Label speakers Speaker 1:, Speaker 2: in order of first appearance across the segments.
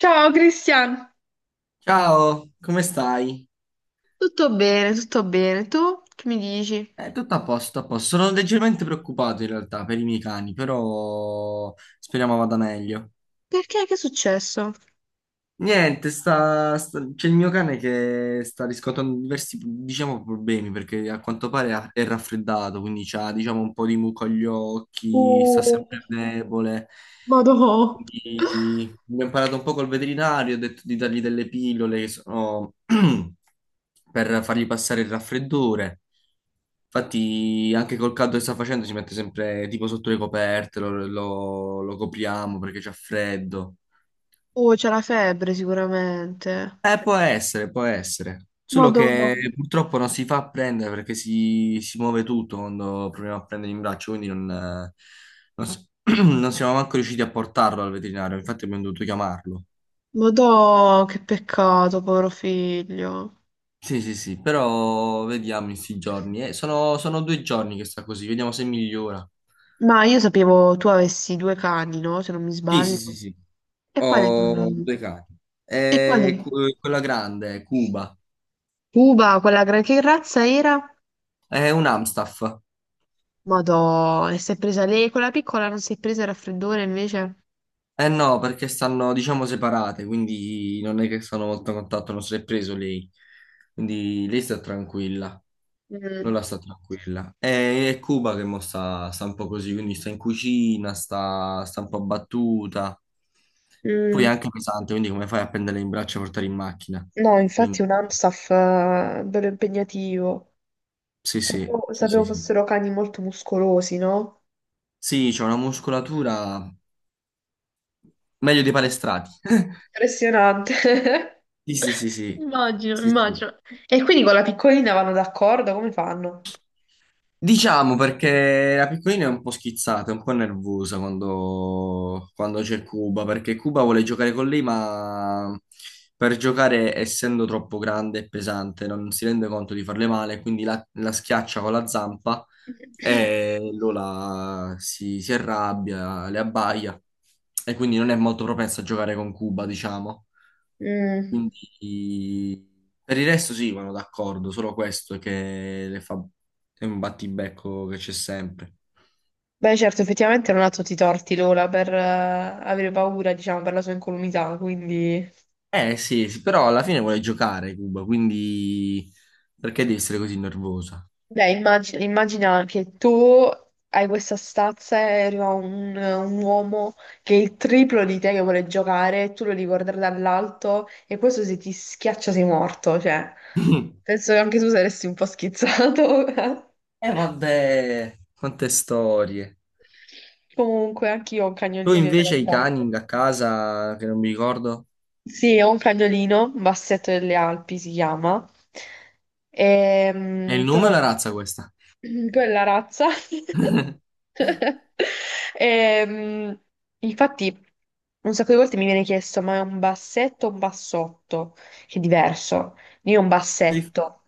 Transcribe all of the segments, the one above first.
Speaker 1: Ciao Cristian.
Speaker 2: Ciao, come stai?
Speaker 1: Tutto bene, tutto bene. Tu che mi dici?
Speaker 2: Tutto a posto, a posto. Sono leggermente preoccupato in realtà per i miei cani, però speriamo vada meglio.
Speaker 1: Perché? Che è successo?
Speaker 2: Niente, c'è il mio cane che sta riscontrando diversi, diciamo, problemi perché a quanto pare è raffreddato, quindi ha, diciamo, un po' di muco agli occhi, sta
Speaker 1: Uh,
Speaker 2: sempre debole.
Speaker 1: Madò.
Speaker 2: Quindi mi ho imparato un po' col veterinario, ho detto di dargli delle pillole che sono per fargli passare il raffreddore. Infatti, anche col caldo che sta facendo, si mette sempre tipo sotto le coperte, lo copriamo perché c'è freddo.
Speaker 1: Oh, c'è la febbre sicuramente.
Speaker 2: Può essere, può essere. Solo
Speaker 1: Madò.
Speaker 2: che purtroppo non si fa prendere perché si muove tutto quando proviamo a prendere in braccio, quindi non, non s- non siamo manco riusciti a portarlo al veterinario, infatti abbiamo dovuto chiamarlo.
Speaker 1: Madò, che peccato, povero figlio.
Speaker 2: Sì, sì, sì, però vediamo in sti giorni. Sono due giorni che sta così, vediamo se migliora.
Speaker 1: Ma io sapevo tu avessi due cani, no? Se non mi
Speaker 2: Sì, sì,
Speaker 1: sbaglio.
Speaker 2: sì, sì.
Speaker 1: E quale?
Speaker 2: Ho due cani.
Speaker 1: E quale?
Speaker 2: Quella grande, Cuba,
Speaker 1: Cuba, quella che razza era?
Speaker 2: è un Amstaff.
Speaker 1: Madò, e si è presa lei, quella piccola non si è presa il raffreddore invece?
Speaker 2: Eh no, perché stanno, diciamo, separate, quindi non è che sono molto a contatto, non si è preso lei. Quindi lei sta tranquilla. Non
Speaker 1: Mm.
Speaker 2: la sta tranquilla. È Cuba che mo sta, un po' così, quindi sta in cucina, sta un po' abbattuta. Poi è
Speaker 1: Mm,
Speaker 2: anche pesante, quindi come fai a prendere in braccio e portare in macchina?
Speaker 1: no, infatti
Speaker 2: Quindi,
Speaker 1: un Amstaff bello impegnativo.
Speaker 2: sì, sì,
Speaker 1: Sapevo,
Speaker 2: sì,
Speaker 1: sapevo
Speaker 2: sì, sì.
Speaker 1: fossero cani molto muscolosi, no?
Speaker 2: Sì, c'è una muscolatura meglio dei palestrati.
Speaker 1: Impressionante.
Speaker 2: Sì, sì, sì, sì.
Speaker 1: Immagino,
Speaker 2: Sì, sì.
Speaker 1: immagino. E quindi con la piccolina vanno d'accordo? Come fanno?
Speaker 2: Diciamo perché la piccolina è un po' schizzata, è un po' nervosa quando c'è Cuba, perché Cuba vuole giocare con lei, ma per giocare, essendo troppo grande e pesante, non si rende conto di farle male, quindi la schiaccia con la zampa e Lola si arrabbia, le abbaia e quindi non è molto propensa a giocare con Cuba, diciamo.
Speaker 1: Mm.
Speaker 2: Quindi per il resto sì, vanno d'accordo, solo questo che le fa. È un battibecco che c'è sempre.
Speaker 1: Beh, certo, effettivamente non ha tutti i torti Lola per avere paura, diciamo, per la sua incolumità, quindi.
Speaker 2: Eh sì, sì, però alla fine vuole giocare Cuba, quindi perché devi essere così nervosa?
Speaker 1: Beh, immagina, immagina che tu hai questa stazza e arriva un uomo che è il triplo di te che vuole giocare, e tu lo devi guardare dall'alto e questo se ti schiaccia sei morto, cioè penso che anche tu saresti un po' schizzato.
Speaker 2: Eh vabbè, quante storie.
Speaker 1: Comunque, anche io ho un
Speaker 2: Tu
Speaker 1: cagnolino in
Speaker 2: invece i
Speaker 1: realtà.
Speaker 2: cani a casa, che non mi ricordo.
Speaker 1: Sì, ho un cagnolino, Bassetto delle Alpi si chiama.
Speaker 2: È il
Speaker 1: Ehm,
Speaker 2: nome o la
Speaker 1: però
Speaker 2: razza questa?
Speaker 1: quella razza. Ehm, infatti, un sacco di volte mi viene chiesto: ma è un bassetto o un bassotto? Che è diverso. Io un
Speaker 2: Che dif-
Speaker 1: bassetto,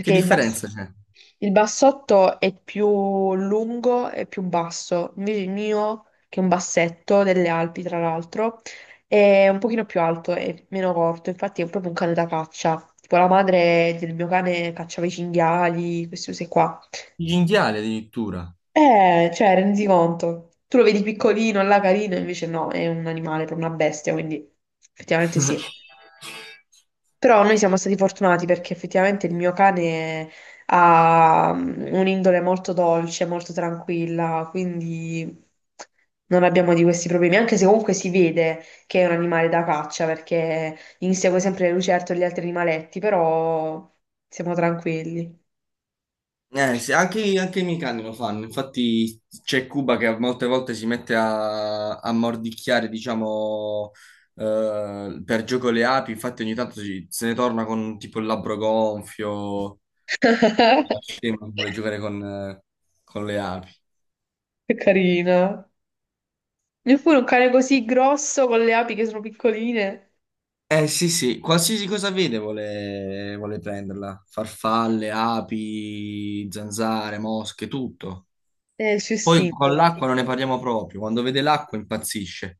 Speaker 2: che
Speaker 1: il bass-
Speaker 2: differenza c'è?
Speaker 1: il bassotto è più lungo e più basso, invece il mio, che è un bassetto delle Alpi, tra l'altro, è un pochino più alto e meno corto, infatti è proprio un cane da caccia. Tipo la madre del mio cane cacciava i cinghiali, queste cose qua.
Speaker 2: Il cinghiale addirittura.
Speaker 1: Cioè, rendi conto. Tu lo vedi piccolino, là carino, invece no, è un animale, per una bestia, quindi effettivamente sì. Però noi siamo stati fortunati perché effettivamente il mio cane ha un'indole molto dolce, molto tranquilla, quindi non abbiamo di questi problemi, anche se comunque si vede che è un animale da caccia perché insegue sempre le lucertole e gli altri animaletti, però siamo tranquilli.
Speaker 2: Sì, anche i miei cani lo fanno, infatti c'è Cuba che molte volte si mette a, mordicchiare, diciamo, per gioco le api, infatti ogni tanto se ne torna con tipo il labbro gonfio, scemo, vuole giocare con le api.
Speaker 1: Che carina. Neppure un cane così grosso con le api che sono piccoline.
Speaker 2: Eh sì sì, qualsiasi cosa vede vuole, prenderla, farfalle, api, zanzare, mosche, tutto.
Speaker 1: È il suo
Speaker 2: Poi
Speaker 1: istinto,
Speaker 2: con
Speaker 1: guarda.
Speaker 2: l'acqua non ne parliamo proprio, quando vede l'acqua impazzisce.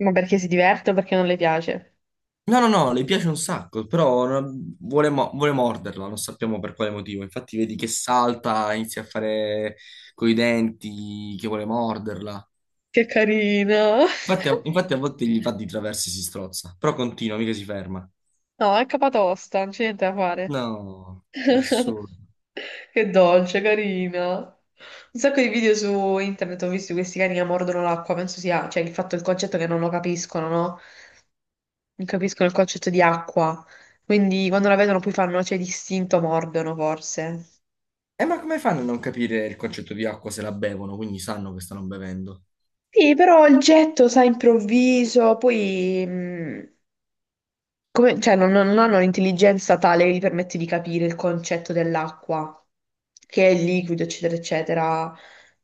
Speaker 1: Ma perché si diverte o perché non le piace?
Speaker 2: No, no, no, le piace un sacco, però vuole, vuole morderla, non sappiamo per quale motivo. Infatti vedi che salta, inizia a fare coi denti, che vuole morderla.
Speaker 1: Che carino.
Speaker 2: Infatti a volte gli va di traverso e si strozza, però continua, mica si ferma.
Speaker 1: No, è capatosta, non c'è niente da fare.
Speaker 2: No, nessuno.
Speaker 1: Che dolce, carina. Un sacco di video su internet ho visto di questi cani che mordono l'acqua, penso sia, cioè il fatto, il concetto che non lo capiscono, no? Non capiscono il concetto di acqua. Quindi quando la vedono poi fanno, cioè, distinto mordono forse.
Speaker 2: E ma come fanno a non capire il concetto di acqua se la bevono, quindi sanno che stanno bevendo?
Speaker 1: Sì, però il getto, sai, improvviso, poi cioè, non hanno un'intelligenza tale che gli permette di capire il concetto dell'acqua, che è liquido, eccetera, eccetera.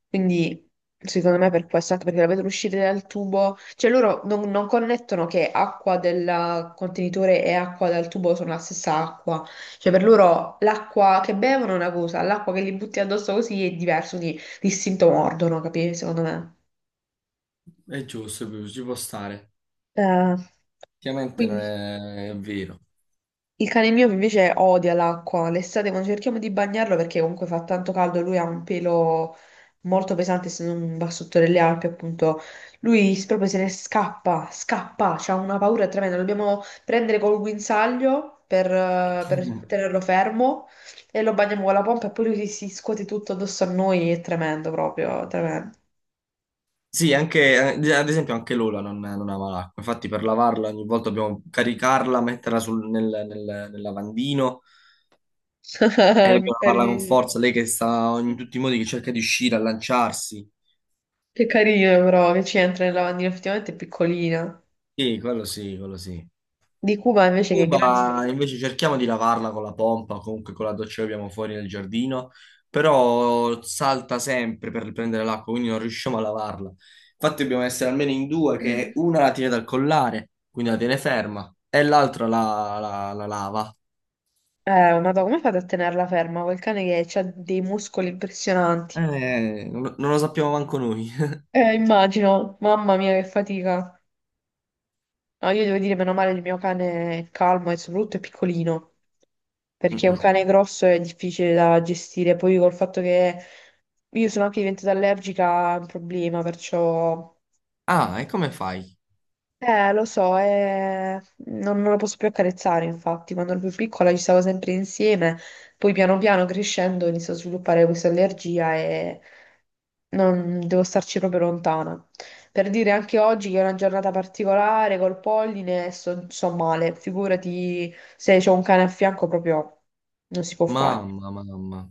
Speaker 1: Quindi, secondo me, per questo, anche perché la vedono uscire dal tubo, cioè loro non connettono che acqua del contenitore e acqua dal tubo sono la stessa acqua. Cioè, per loro l'acqua che bevono è una cosa, l'acqua che gli butti addosso così è diverso, quindi distinto mordono, capisci? Secondo me.
Speaker 2: È giusto, ci può stare.
Speaker 1: Eh,
Speaker 2: Ovviamente non
Speaker 1: quindi
Speaker 2: è vero.
Speaker 1: il cane mio invece odia l'acqua. L'estate quando cerchiamo di bagnarlo perché comunque fa tanto caldo, lui ha un pelo molto pesante, essendo un bassotto delle Alpi, appunto. Lui proprio se ne scappa, scappa, c'ha una paura tremenda. Lo dobbiamo prendere col guinzaglio per tenerlo fermo e lo bagniamo con la pompa e poi lui si scuote tutto addosso a noi. È tremendo proprio, tremendo.
Speaker 2: Sì, ad esempio anche Lola non ama l'acqua, infatti per lavarla ogni volta dobbiamo caricarla, metterla nel lavandino e
Speaker 1: Che
Speaker 2: dobbiamo lavarla con
Speaker 1: carino,
Speaker 2: forza, lei che sta in tutti i modi che cerca di uscire, a lanciarsi.
Speaker 1: che carino però che ci entra nel lavandino, effettivamente è piccolina.
Speaker 2: Sì, quello sì, quello sì.
Speaker 1: Di Cuba invece che è grande.
Speaker 2: Cuba invece cerchiamo di lavarla con la pompa, comunque con la doccia che abbiamo fuori nel giardino, però salta sempre per prendere l'acqua, quindi non riusciamo a lavarla. Infatti dobbiamo essere almeno in due, che
Speaker 1: Eh,
Speaker 2: una la tiene dal collare, quindi la tiene ferma, e l'altra la lava.
Speaker 1: Madonna, come fate a tenerla ferma? Quel cane che ha dei muscoli impressionanti.
Speaker 2: Non lo sappiamo manco noi.
Speaker 1: Immagino, mamma mia, che fatica. No, io devo dire, meno male, il mio cane è calmo e soprattutto è piccolino, perché un
Speaker 2: Mm-mm.
Speaker 1: cane grosso è difficile da gestire. Poi col fatto che io sono anche diventata allergica è un problema, perciò.
Speaker 2: Ah, e come fai?
Speaker 1: Lo so, non la posso più accarezzare, infatti, quando ero più piccola ci stavo sempre insieme, poi piano piano crescendo inizio a sviluppare questa allergia e non devo starci proprio lontana. Per dire anche oggi che è una giornata particolare col polline, sto male, figurati se c'ho un cane a fianco proprio non si può fare.
Speaker 2: Mamma, mamma,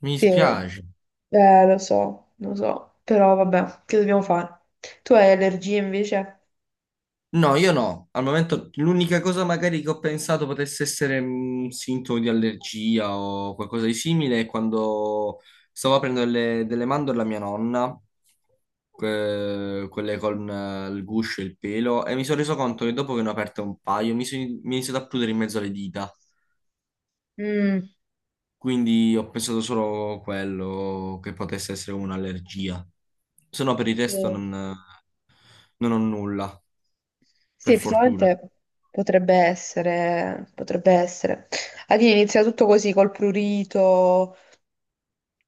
Speaker 2: mi
Speaker 1: Sì,
Speaker 2: dispiace.
Speaker 1: lo so, però vabbè, che dobbiamo fare? Tu hai allergie invece?
Speaker 2: No, io no. Al momento l'unica cosa magari che ho pensato potesse essere un sintomo di allergia o qualcosa di simile è quando stavo aprendo delle mandorle a mia nonna, quelle con il guscio e il pelo, e mi sono reso conto che dopo che ne ho aperte un paio mi è iniziato a prudere in mezzo alle dita.
Speaker 1: Mm.
Speaker 2: Quindi ho pensato solo quello che potesse essere un'allergia. Se no per il
Speaker 1: Sì.
Speaker 2: resto non ho nulla,
Speaker 1: Sì,
Speaker 2: per fortuna.
Speaker 1: effettivamente potrebbe essere, potrebbe essere. Adina inizia tutto così col prurito,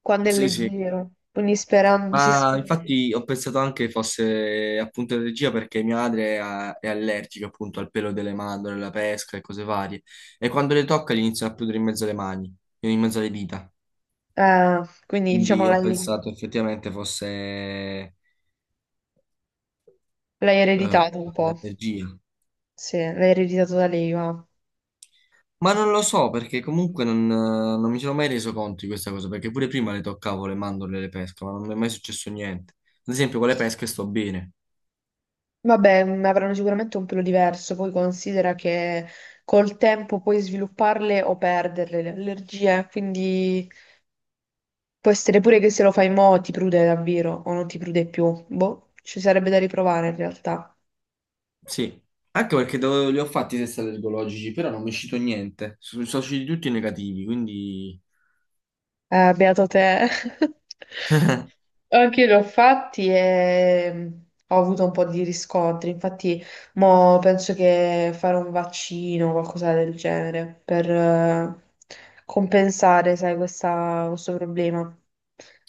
Speaker 1: quando è
Speaker 2: Sì, sì.
Speaker 1: leggero, quindi sperando, si
Speaker 2: Ma
Speaker 1: spera.
Speaker 2: infatti ho pensato anche fosse appunto allergia perché mia madre è allergica appunto al pelo delle mandorle, alla pesca e cose varie. E quando le tocca gli iniziano a prudere in mezzo alle mani, in mezzo alle dita.
Speaker 1: Ah, quindi diciamo
Speaker 2: Quindi ho
Speaker 1: l'hai
Speaker 2: pensato effettivamente fosse
Speaker 1: l'hai ereditato un po',
Speaker 2: l'allergia.
Speaker 1: sì, l'hai ereditato da lei, ma
Speaker 2: Ma non lo so perché comunque non mi sono mai reso conto di questa cosa perché pure prima le toccavo le mandorle e le pesche, ma non mi è mai successo niente. Ad esempio con le pesche sto bene.
Speaker 1: vabbè, avranno sicuramente un pelo diverso, poi considera che col tempo puoi svilupparle o perderle le allergie, quindi può essere pure che se lo fai mo' ti prude davvero, o non ti prude più. Boh, ci sarebbe da riprovare in realtà.
Speaker 2: Sì, anche perché li ho fatti i test allergologici, però non mi è uscito niente. Sono usciti tutti negativi, quindi.
Speaker 1: Beato te. Anche io li ho fatti e ho avuto un po' di riscontri. Infatti, mo penso che fare un vaccino o qualcosa del genere per compensare, sai, questo problema.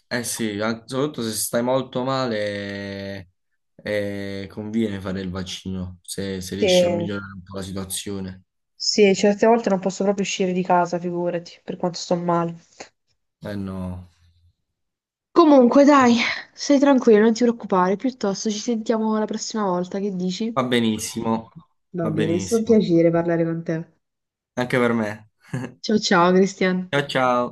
Speaker 2: Eh sì, soprattutto se stai molto male, conviene fare il vaccino, se riesci a
Speaker 1: Che,
Speaker 2: migliorare un po' la situazione.
Speaker 1: sì, certe volte non posso proprio uscire di casa, figurati, per quanto sto male.
Speaker 2: Eh no,
Speaker 1: Comunque, dai, stai tranquillo, non ti preoccupare, piuttosto ci sentiamo la prossima volta, che dici?
Speaker 2: va benissimo,
Speaker 1: Va
Speaker 2: va
Speaker 1: bene, è stato un
Speaker 2: benissimo.
Speaker 1: piacere parlare con te.
Speaker 2: Anche per me.
Speaker 1: Ciao ciao, Cristian.
Speaker 2: Ciao ciao.